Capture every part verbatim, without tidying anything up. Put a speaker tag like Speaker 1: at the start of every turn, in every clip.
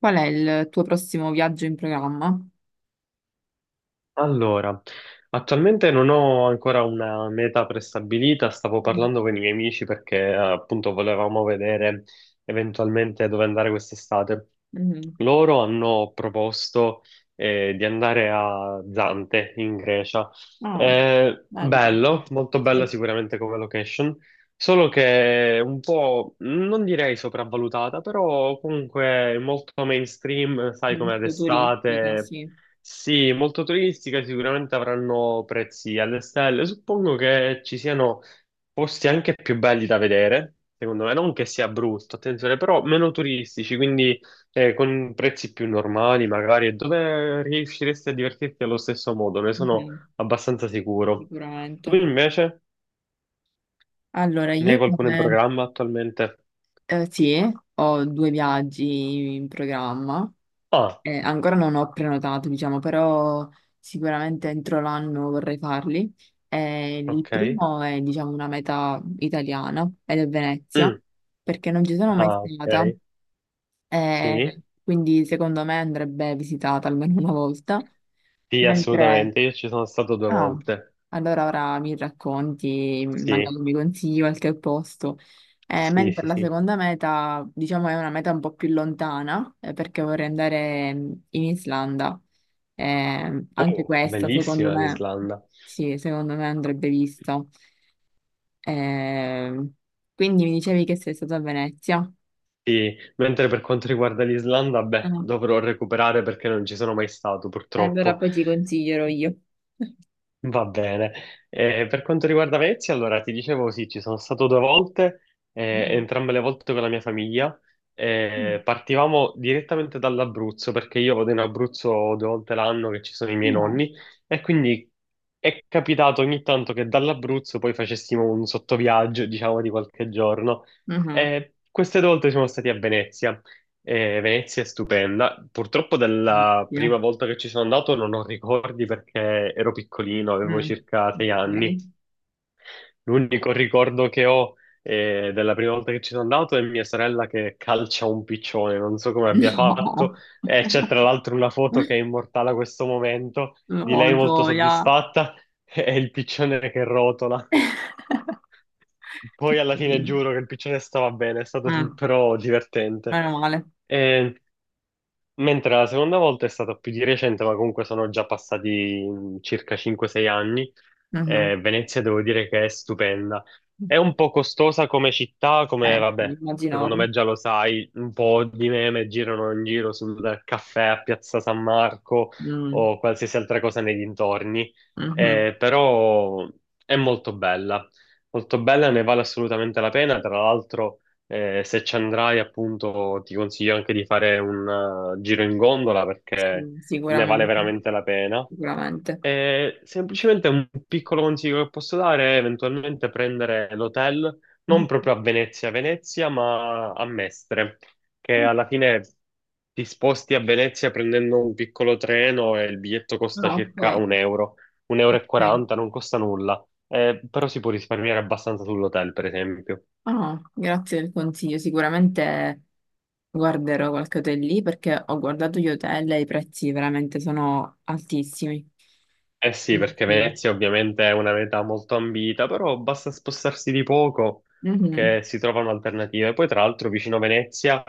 Speaker 1: Qual è il tuo prossimo viaggio in programma?
Speaker 2: Allora, attualmente non ho ancora una meta prestabilita, stavo
Speaker 1: Mm,
Speaker 2: parlando con i miei amici perché eh, appunto volevamo vedere eventualmente dove andare quest'estate.
Speaker 1: mhm.
Speaker 2: Loro hanno proposto eh, di andare a Zante in Grecia.
Speaker 1: Ah,
Speaker 2: Eh,
Speaker 1: bello.
Speaker 2: bello, molto bello
Speaker 1: Sì,
Speaker 2: sicuramente come location, solo che un po' non direi sopravvalutata, però comunque molto mainstream, sai come ad
Speaker 1: molto turistico,
Speaker 2: estate.
Speaker 1: sì,
Speaker 2: Sì, molto turistica, sicuramente avranno prezzi alle stelle. Suppongo che ci siano posti anche più belli da vedere, secondo me, non che sia brutto, attenzione, però meno turistici, quindi eh, con prezzi più normali magari, e dove riusciresti a divertirti allo stesso modo, ne sono
Speaker 1: mhm,
Speaker 2: abbastanza sicuro. Tu
Speaker 1: sicuramente.
Speaker 2: invece
Speaker 1: Allora,
Speaker 2: ne hai
Speaker 1: io
Speaker 2: qualcuno in
Speaker 1: come...
Speaker 2: programma attualmente?
Speaker 1: eh, sì, ho due viaggi in programma.
Speaker 2: Ah,
Speaker 1: Eh, ancora non ho prenotato, diciamo, però sicuramente entro l'anno vorrei farli. Eh, il
Speaker 2: ok.
Speaker 1: primo è, diciamo, una meta italiana ed è Venezia,
Speaker 2: Mm.
Speaker 1: perché non ci sono mai
Speaker 2: Ah,
Speaker 1: stata.
Speaker 2: ok.
Speaker 1: Eh,
Speaker 2: Sì,
Speaker 1: quindi secondo me andrebbe visitata almeno una volta.
Speaker 2: sì,
Speaker 1: Mentre,
Speaker 2: assolutamente, io ci sono stato due
Speaker 1: ah,
Speaker 2: volte.
Speaker 1: allora ora mi racconti, magari
Speaker 2: Sì.
Speaker 1: mi consigli qualche posto. Eh,
Speaker 2: Sì, sì,
Speaker 1: mentre la
Speaker 2: sì.
Speaker 1: seconda meta, diciamo, è una meta un po' più lontana, eh, perché vorrei andare mm, in Islanda. Eh, anche
Speaker 2: Oh,
Speaker 1: questa, secondo
Speaker 2: bellissima
Speaker 1: me,
Speaker 2: l'Islanda.
Speaker 1: sì, secondo me andrebbe vista. Eh, quindi mi dicevi che sei stata a Venezia.
Speaker 2: Sì, mentre per quanto riguarda l'Islanda, beh,
Speaker 1: Ah,
Speaker 2: dovrò recuperare perché non ci sono mai stato,
Speaker 1: allora
Speaker 2: purtroppo.
Speaker 1: poi ti consiglierò io.
Speaker 2: Va bene. Eh, per quanto riguarda Venezia, allora ti dicevo sì, ci sono stato due volte, eh,
Speaker 1: Mhm.
Speaker 2: entrambe le volte con la mia famiglia. Eh,
Speaker 1: Mm.
Speaker 2: partivamo direttamente dall'Abruzzo perché io vado in Abruzzo due volte l'anno che ci sono i miei
Speaker 1: No.
Speaker 2: nonni e quindi è capitato ogni tanto che dall'Abruzzo poi facessimo un sottoviaggio, diciamo, di qualche giorno.
Speaker 1: Mhm.
Speaker 2: Eh, queste due volte siamo stati a Venezia. Eh, Venezia è stupenda. Purtroppo dalla
Speaker 1: Oddio.
Speaker 2: prima volta che ci sono andato non ho ricordi perché ero piccolino, avevo
Speaker 1: Mm.
Speaker 2: circa sei anni.
Speaker 1: Ok.
Speaker 2: L'unico ricordo che ho eh, della prima volta che ci sono andato è mia sorella che calcia un piccione, non so come abbia fatto.
Speaker 1: No.
Speaker 2: E c'è tra l'altro una foto che è immortale a questo momento di
Speaker 1: No,
Speaker 2: lei molto
Speaker 1: gioia.
Speaker 2: soddisfatta e il piccione che rotola.
Speaker 1: Che
Speaker 2: Poi alla fine
Speaker 1: carino.
Speaker 2: giuro che il piccione stava bene, è stato
Speaker 1: Mm.
Speaker 2: però divertente.
Speaker 1: Meno male.
Speaker 2: Eh, Mentre la seconda volta è stata più di recente, ma comunque sono già passati mm, circa cinque sei anni.
Speaker 1: Mhm.
Speaker 2: Eh, Venezia devo dire che è stupenda. È un po' costosa come città, come
Speaker 1: Eh sì,
Speaker 2: vabbè, secondo
Speaker 1: immaginavo.
Speaker 2: me già lo sai, un po' di meme girano in giro sul caffè a Piazza San Marco
Speaker 1: Mm.
Speaker 2: o qualsiasi altra cosa nei dintorni.
Speaker 1: Mhm.
Speaker 2: Eh, però è molto bella, molto bella, ne vale assolutamente la pena. Tra l'altro. Eh, se ci andrai, appunto, ti consiglio anche di fare un eh, giro in gondola perché
Speaker 1: Sì,
Speaker 2: ne vale
Speaker 1: sicuramente.
Speaker 2: veramente la pena.
Speaker 1: Sicuramente.
Speaker 2: E semplicemente un piccolo consiglio che posso dare è eventualmente prendere l'hotel non
Speaker 1: Mhm.
Speaker 2: proprio a Venezia, Venezia, ma a Mestre, che alla fine ti sposti a Venezia prendendo un piccolo treno e il biglietto costa
Speaker 1: Ah,
Speaker 2: circa
Speaker 1: ok.
Speaker 2: un euro, un euro e
Speaker 1: Ok.
Speaker 2: quaranta, non costa nulla. Eh, però si può risparmiare abbastanza sull'hotel, per esempio.
Speaker 1: Ah, grazie del consiglio. Sicuramente guarderò qualche hotel lì perché ho guardato gli hotel e i prezzi veramente sono altissimi.
Speaker 2: Eh sì,
Speaker 1: Mm,
Speaker 2: perché
Speaker 1: sì.
Speaker 2: Venezia ovviamente è una meta molto ambita, però basta spostarsi di poco
Speaker 1: Mhm.
Speaker 2: che si trovano alternative. Poi tra l'altro vicino Venezia,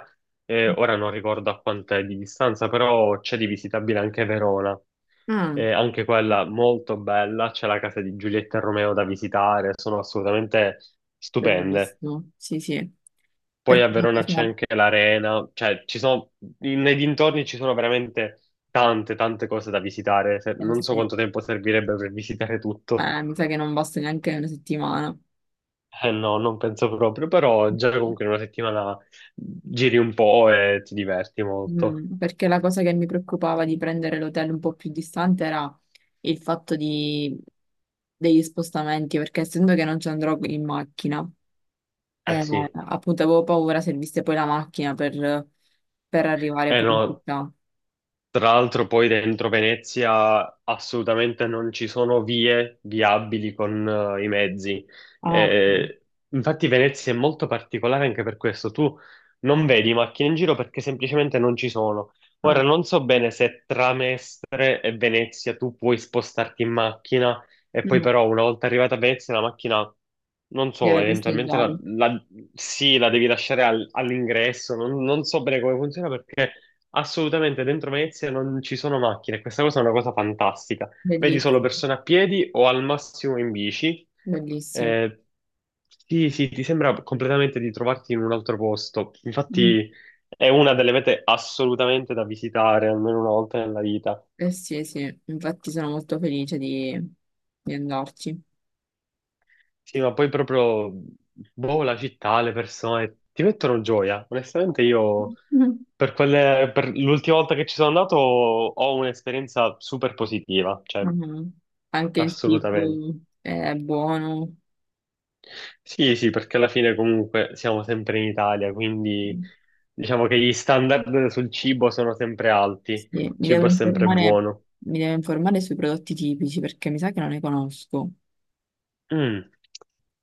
Speaker 2: eh, ora non ricordo a quant'è di distanza, però c'è di visitabile anche Verona.
Speaker 1: Ah,
Speaker 2: Eh, anche quella molto bella, c'è la casa di Giulietta e Romeo da visitare, sono assolutamente stupende.
Speaker 1: bellissimo. Sì, sì.
Speaker 2: Poi
Speaker 1: Perché
Speaker 2: a Verona c'è anche l'arena, cioè ci sono, nei dintorni ci sono veramente tante, tante cose da visitare. Se-
Speaker 1: eh,
Speaker 2: Non so
Speaker 1: sì.
Speaker 2: quanto tempo servirebbe per visitare tutto.
Speaker 1: Eh, mi sa che non basta neanche una settimana.
Speaker 2: Eh no, non penso proprio, però già comunque in una settimana giri un po' e ti diverti molto.
Speaker 1: Mm, perché la cosa che mi preoccupava di prendere l'hotel un po' più distante era il fatto di- degli spostamenti, perché essendo che non ci andrò in macchina.
Speaker 2: Eh
Speaker 1: Eh,
Speaker 2: sì,
Speaker 1: Appunto avevo paura servisse poi la macchina per, per arrivare
Speaker 2: eh
Speaker 1: poi in
Speaker 2: no,
Speaker 1: città.
Speaker 2: tra l'altro poi dentro Venezia assolutamente non ci sono vie viabili con eh, i mezzi. Eh,
Speaker 1: Ah, ecco.
Speaker 2: eh, infatti Venezia è molto particolare anche per questo. Tu non vedi macchine in giro perché semplicemente non ci sono.
Speaker 1: Ah.
Speaker 2: Ora non so bene se tra Mestre e Venezia tu puoi spostarti in macchina e poi
Speaker 1: Mm.
Speaker 2: però una volta arrivata a Venezia la macchina, non so,
Speaker 1: Deve
Speaker 2: eventualmente
Speaker 1: posteggiare.
Speaker 2: la, la- sì, la devi lasciare al- all'ingresso, non non so bene come funziona perché... Assolutamente, dentro Venezia non ci sono macchine, questa cosa è una cosa fantastica. Vedi solo
Speaker 1: Bellissimo,
Speaker 2: persone a piedi o al massimo in bici.
Speaker 1: bellissimo.
Speaker 2: Eh, sì, sì, ti sembra completamente di trovarti in un altro posto.
Speaker 1: Mm.
Speaker 2: Infatti è una delle mete assolutamente da visitare, almeno una volta nella vita.
Speaker 1: Eh sì, eh sì, infatti sono molto felice di, di andarci.
Speaker 2: Sì, ma poi proprio, boh, la città, le persone, ti mettono gioia. Onestamente io,
Speaker 1: Mm.
Speaker 2: per quelle- per l'ultima volta che ci sono andato, ho un'esperienza super positiva. Cioè,
Speaker 1: Mhm. Anche il
Speaker 2: assolutamente.
Speaker 1: cibo è buono.
Speaker 2: Sì, sì, perché alla fine comunque siamo sempre in Italia,
Speaker 1: Sì,
Speaker 2: quindi diciamo che gli standard sul cibo sono sempre alti, il
Speaker 1: mi devo
Speaker 2: cibo è sempre
Speaker 1: informare,
Speaker 2: buono.
Speaker 1: mi devo informare sui prodotti tipici perché mi sa che non ne conosco.
Speaker 2: Mm.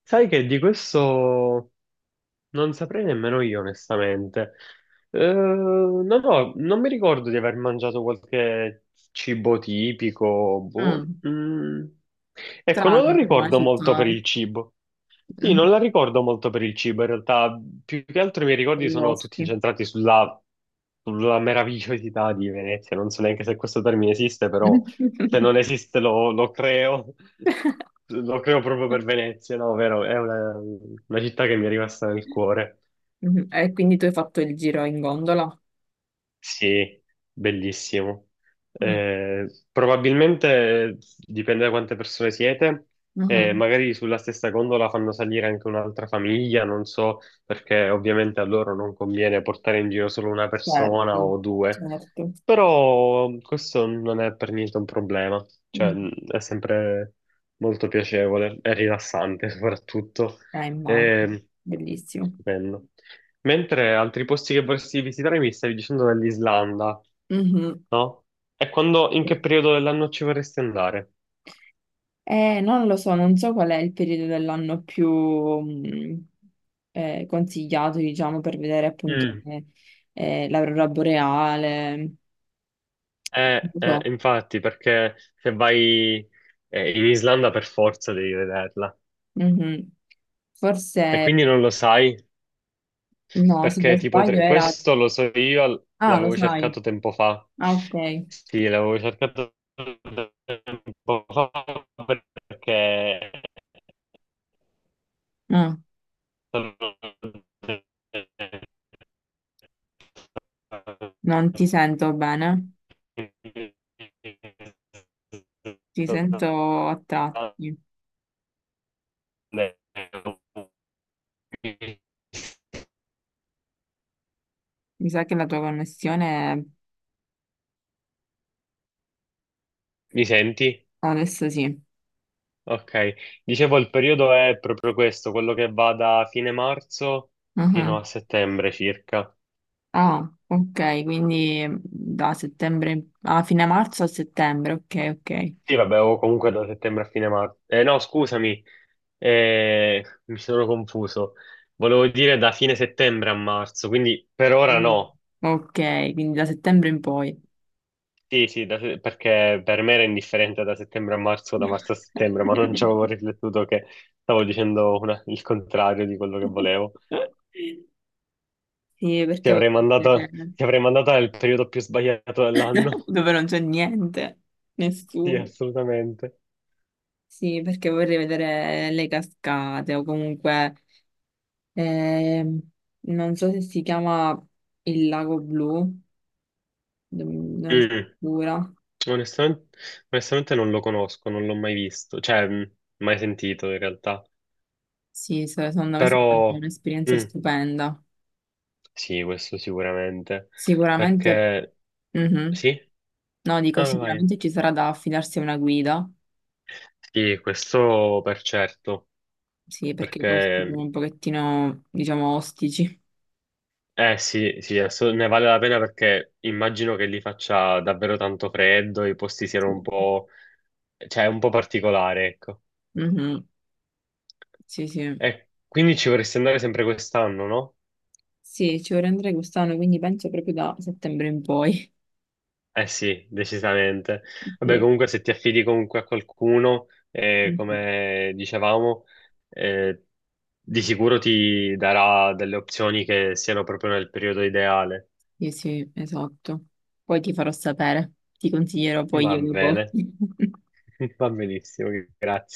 Speaker 2: Sai che di questo non saprei nemmeno io, onestamente. Eh, no, no, non mi ricordo di aver mangiato qualche cibo tipico. Boh.
Speaker 1: Mm,
Speaker 2: Mm. Ecco, non lo
Speaker 1: strano per una
Speaker 2: ricordo molto per
Speaker 1: città.
Speaker 2: il cibo. Sì, non la ricordo molto per il cibo, in realtà più che altro i miei
Speaker 1: Con
Speaker 2: ricordi
Speaker 1: i
Speaker 2: sono tutti
Speaker 1: vostri.
Speaker 2: incentrati sulla, sulla meravigliosità di Venezia, non so neanche se questo termine esiste, però se non esiste lo, lo creo, lo creo proprio per Venezia, no, vero? È una, una città che mi è rimasta nel cuore.
Speaker 1: Mhm. E quindi tu hai fatto il giro in gondola?
Speaker 2: Sì, bellissimo.
Speaker 1: Mm.
Speaker 2: Eh, probabilmente dipende da quante persone siete, eh,
Speaker 1: Mhm.
Speaker 2: magari sulla stessa gondola fanno salire anche un'altra famiglia, non so, perché ovviamente a loro non conviene portare in giro solo una
Speaker 1: Certo,
Speaker 2: persona o due,
Speaker 1: certo.
Speaker 2: però questo non è per niente un problema, cioè
Speaker 1: Mm.
Speaker 2: mh, è sempre molto piacevole e rilassante soprattutto.
Speaker 1: Eh, immagino,
Speaker 2: Eh,
Speaker 1: bellissimo.
Speaker 2: stupendo. Mentre altri posti che vorresti visitare mi stavi dicendo dell'Islanda,
Speaker 1: Mhm.
Speaker 2: no? E quando, in che periodo dell'anno ci vorresti andare?
Speaker 1: Eh, non lo so, non so qual è il periodo dell'anno più mm, eh, consigliato, diciamo, per vedere appunto
Speaker 2: Mm.
Speaker 1: eh, eh, l'aurora boreale. Non
Speaker 2: Eh,
Speaker 1: lo
Speaker 2: eh,
Speaker 1: so.
Speaker 2: infatti, perché se vai eh, in Islanda per forza devi vederla.
Speaker 1: Mhm.
Speaker 2: E
Speaker 1: Forse,
Speaker 2: quindi non lo sai,
Speaker 1: no, se non
Speaker 2: perché tipo
Speaker 1: sbaglio
Speaker 2: tre-
Speaker 1: era...
Speaker 2: questo lo so io,
Speaker 1: Ah, lo
Speaker 2: l'avevo
Speaker 1: sai.
Speaker 2: cercato tempo fa.
Speaker 1: Ah, ok.
Speaker 2: Sì, l'avevo cercato tempo fa perché
Speaker 1: Ah,
Speaker 2: sono.
Speaker 1: non ti sento bene, ti sento a tratti. Mi sa che la tua connessione
Speaker 2: Mi senti?
Speaker 1: adesso sì.
Speaker 2: Ok. Dicevo, il periodo è proprio questo, quello che va da fine marzo
Speaker 1: Ah,
Speaker 2: fino a settembre circa.
Speaker 1: ah, ok, quindi da settembre, a fine marzo a settembre, ok, ok.
Speaker 2: Sì, vabbè, o comunque da settembre a fine marzo. Eh, no, scusami, eh, mi sono confuso. Volevo dire da fine settembre a marzo, quindi per ora
Speaker 1: Mm.
Speaker 2: no.
Speaker 1: Ok, quindi da settembre in poi.
Speaker 2: Sì, sì, da- perché per me era indifferente da settembre a marzo, da marzo a settembre, ma non ci avevo riflettuto che stavo dicendo una- il contrario di quello che volevo.
Speaker 1: Sì,
Speaker 2: Ti
Speaker 1: perché
Speaker 2: avrei mandato, ti avrei mandato nel periodo più sbagliato dell'anno.
Speaker 1: dove non c'è niente,
Speaker 2: Sì,
Speaker 1: nessuno.
Speaker 2: assolutamente.
Speaker 1: Sì, perché vorrei vedere le cascate o comunque, ehm, non so se si chiama il Lago Blu, non non è
Speaker 2: Mm.
Speaker 1: sicura.
Speaker 2: Onestamente, onestamente non lo conosco, non l'ho mai visto, cioè, mm, mai sentito in realtà.
Speaker 1: Sì, se- secondo me sarà
Speaker 2: Però,
Speaker 1: un'esperienza
Speaker 2: mm,
Speaker 1: stupenda.
Speaker 2: sì, questo sicuramente.
Speaker 1: Sicuramente,
Speaker 2: Perché,
Speaker 1: mhm.
Speaker 2: sì?
Speaker 1: No, dico,
Speaker 2: No, no, vai.
Speaker 1: sicuramente ci sarà da affidarsi a una guida,
Speaker 2: Sì, questo per certo.
Speaker 1: sì, perché i posti sono
Speaker 2: Perché,
Speaker 1: un pochettino, diciamo, ostici.
Speaker 2: eh sì, sì, adesso ne vale la pena perché immagino che lì faccia davvero tanto freddo, i posti siano
Speaker 1: Sì,
Speaker 2: un po', cioè un po' particolare, ecco.
Speaker 1: mhm. Sì, sì.
Speaker 2: E quindi ci vorresti andare sempre quest'anno, no?
Speaker 1: Sì, ci vorrei andare quest'anno, quindi penso proprio da settembre in poi.
Speaker 2: Eh sì, decisamente. Vabbè,
Speaker 1: Sì.
Speaker 2: comunque se ti affidi comunque a qualcuno, eh,
Speaker 1: Mhm.
Speaker 2: come dicevamo, eh, di sicuro ti darà delle opzioni che siano proprio nel periodo ideale.
Speaker 1: Sì, sì, esatto. Poi ti farò sapere, ti consiglierò poi
Speaker 2: Va
Speaker 1: io dopo.
Speaker 2: bene, va benissimo, grazie.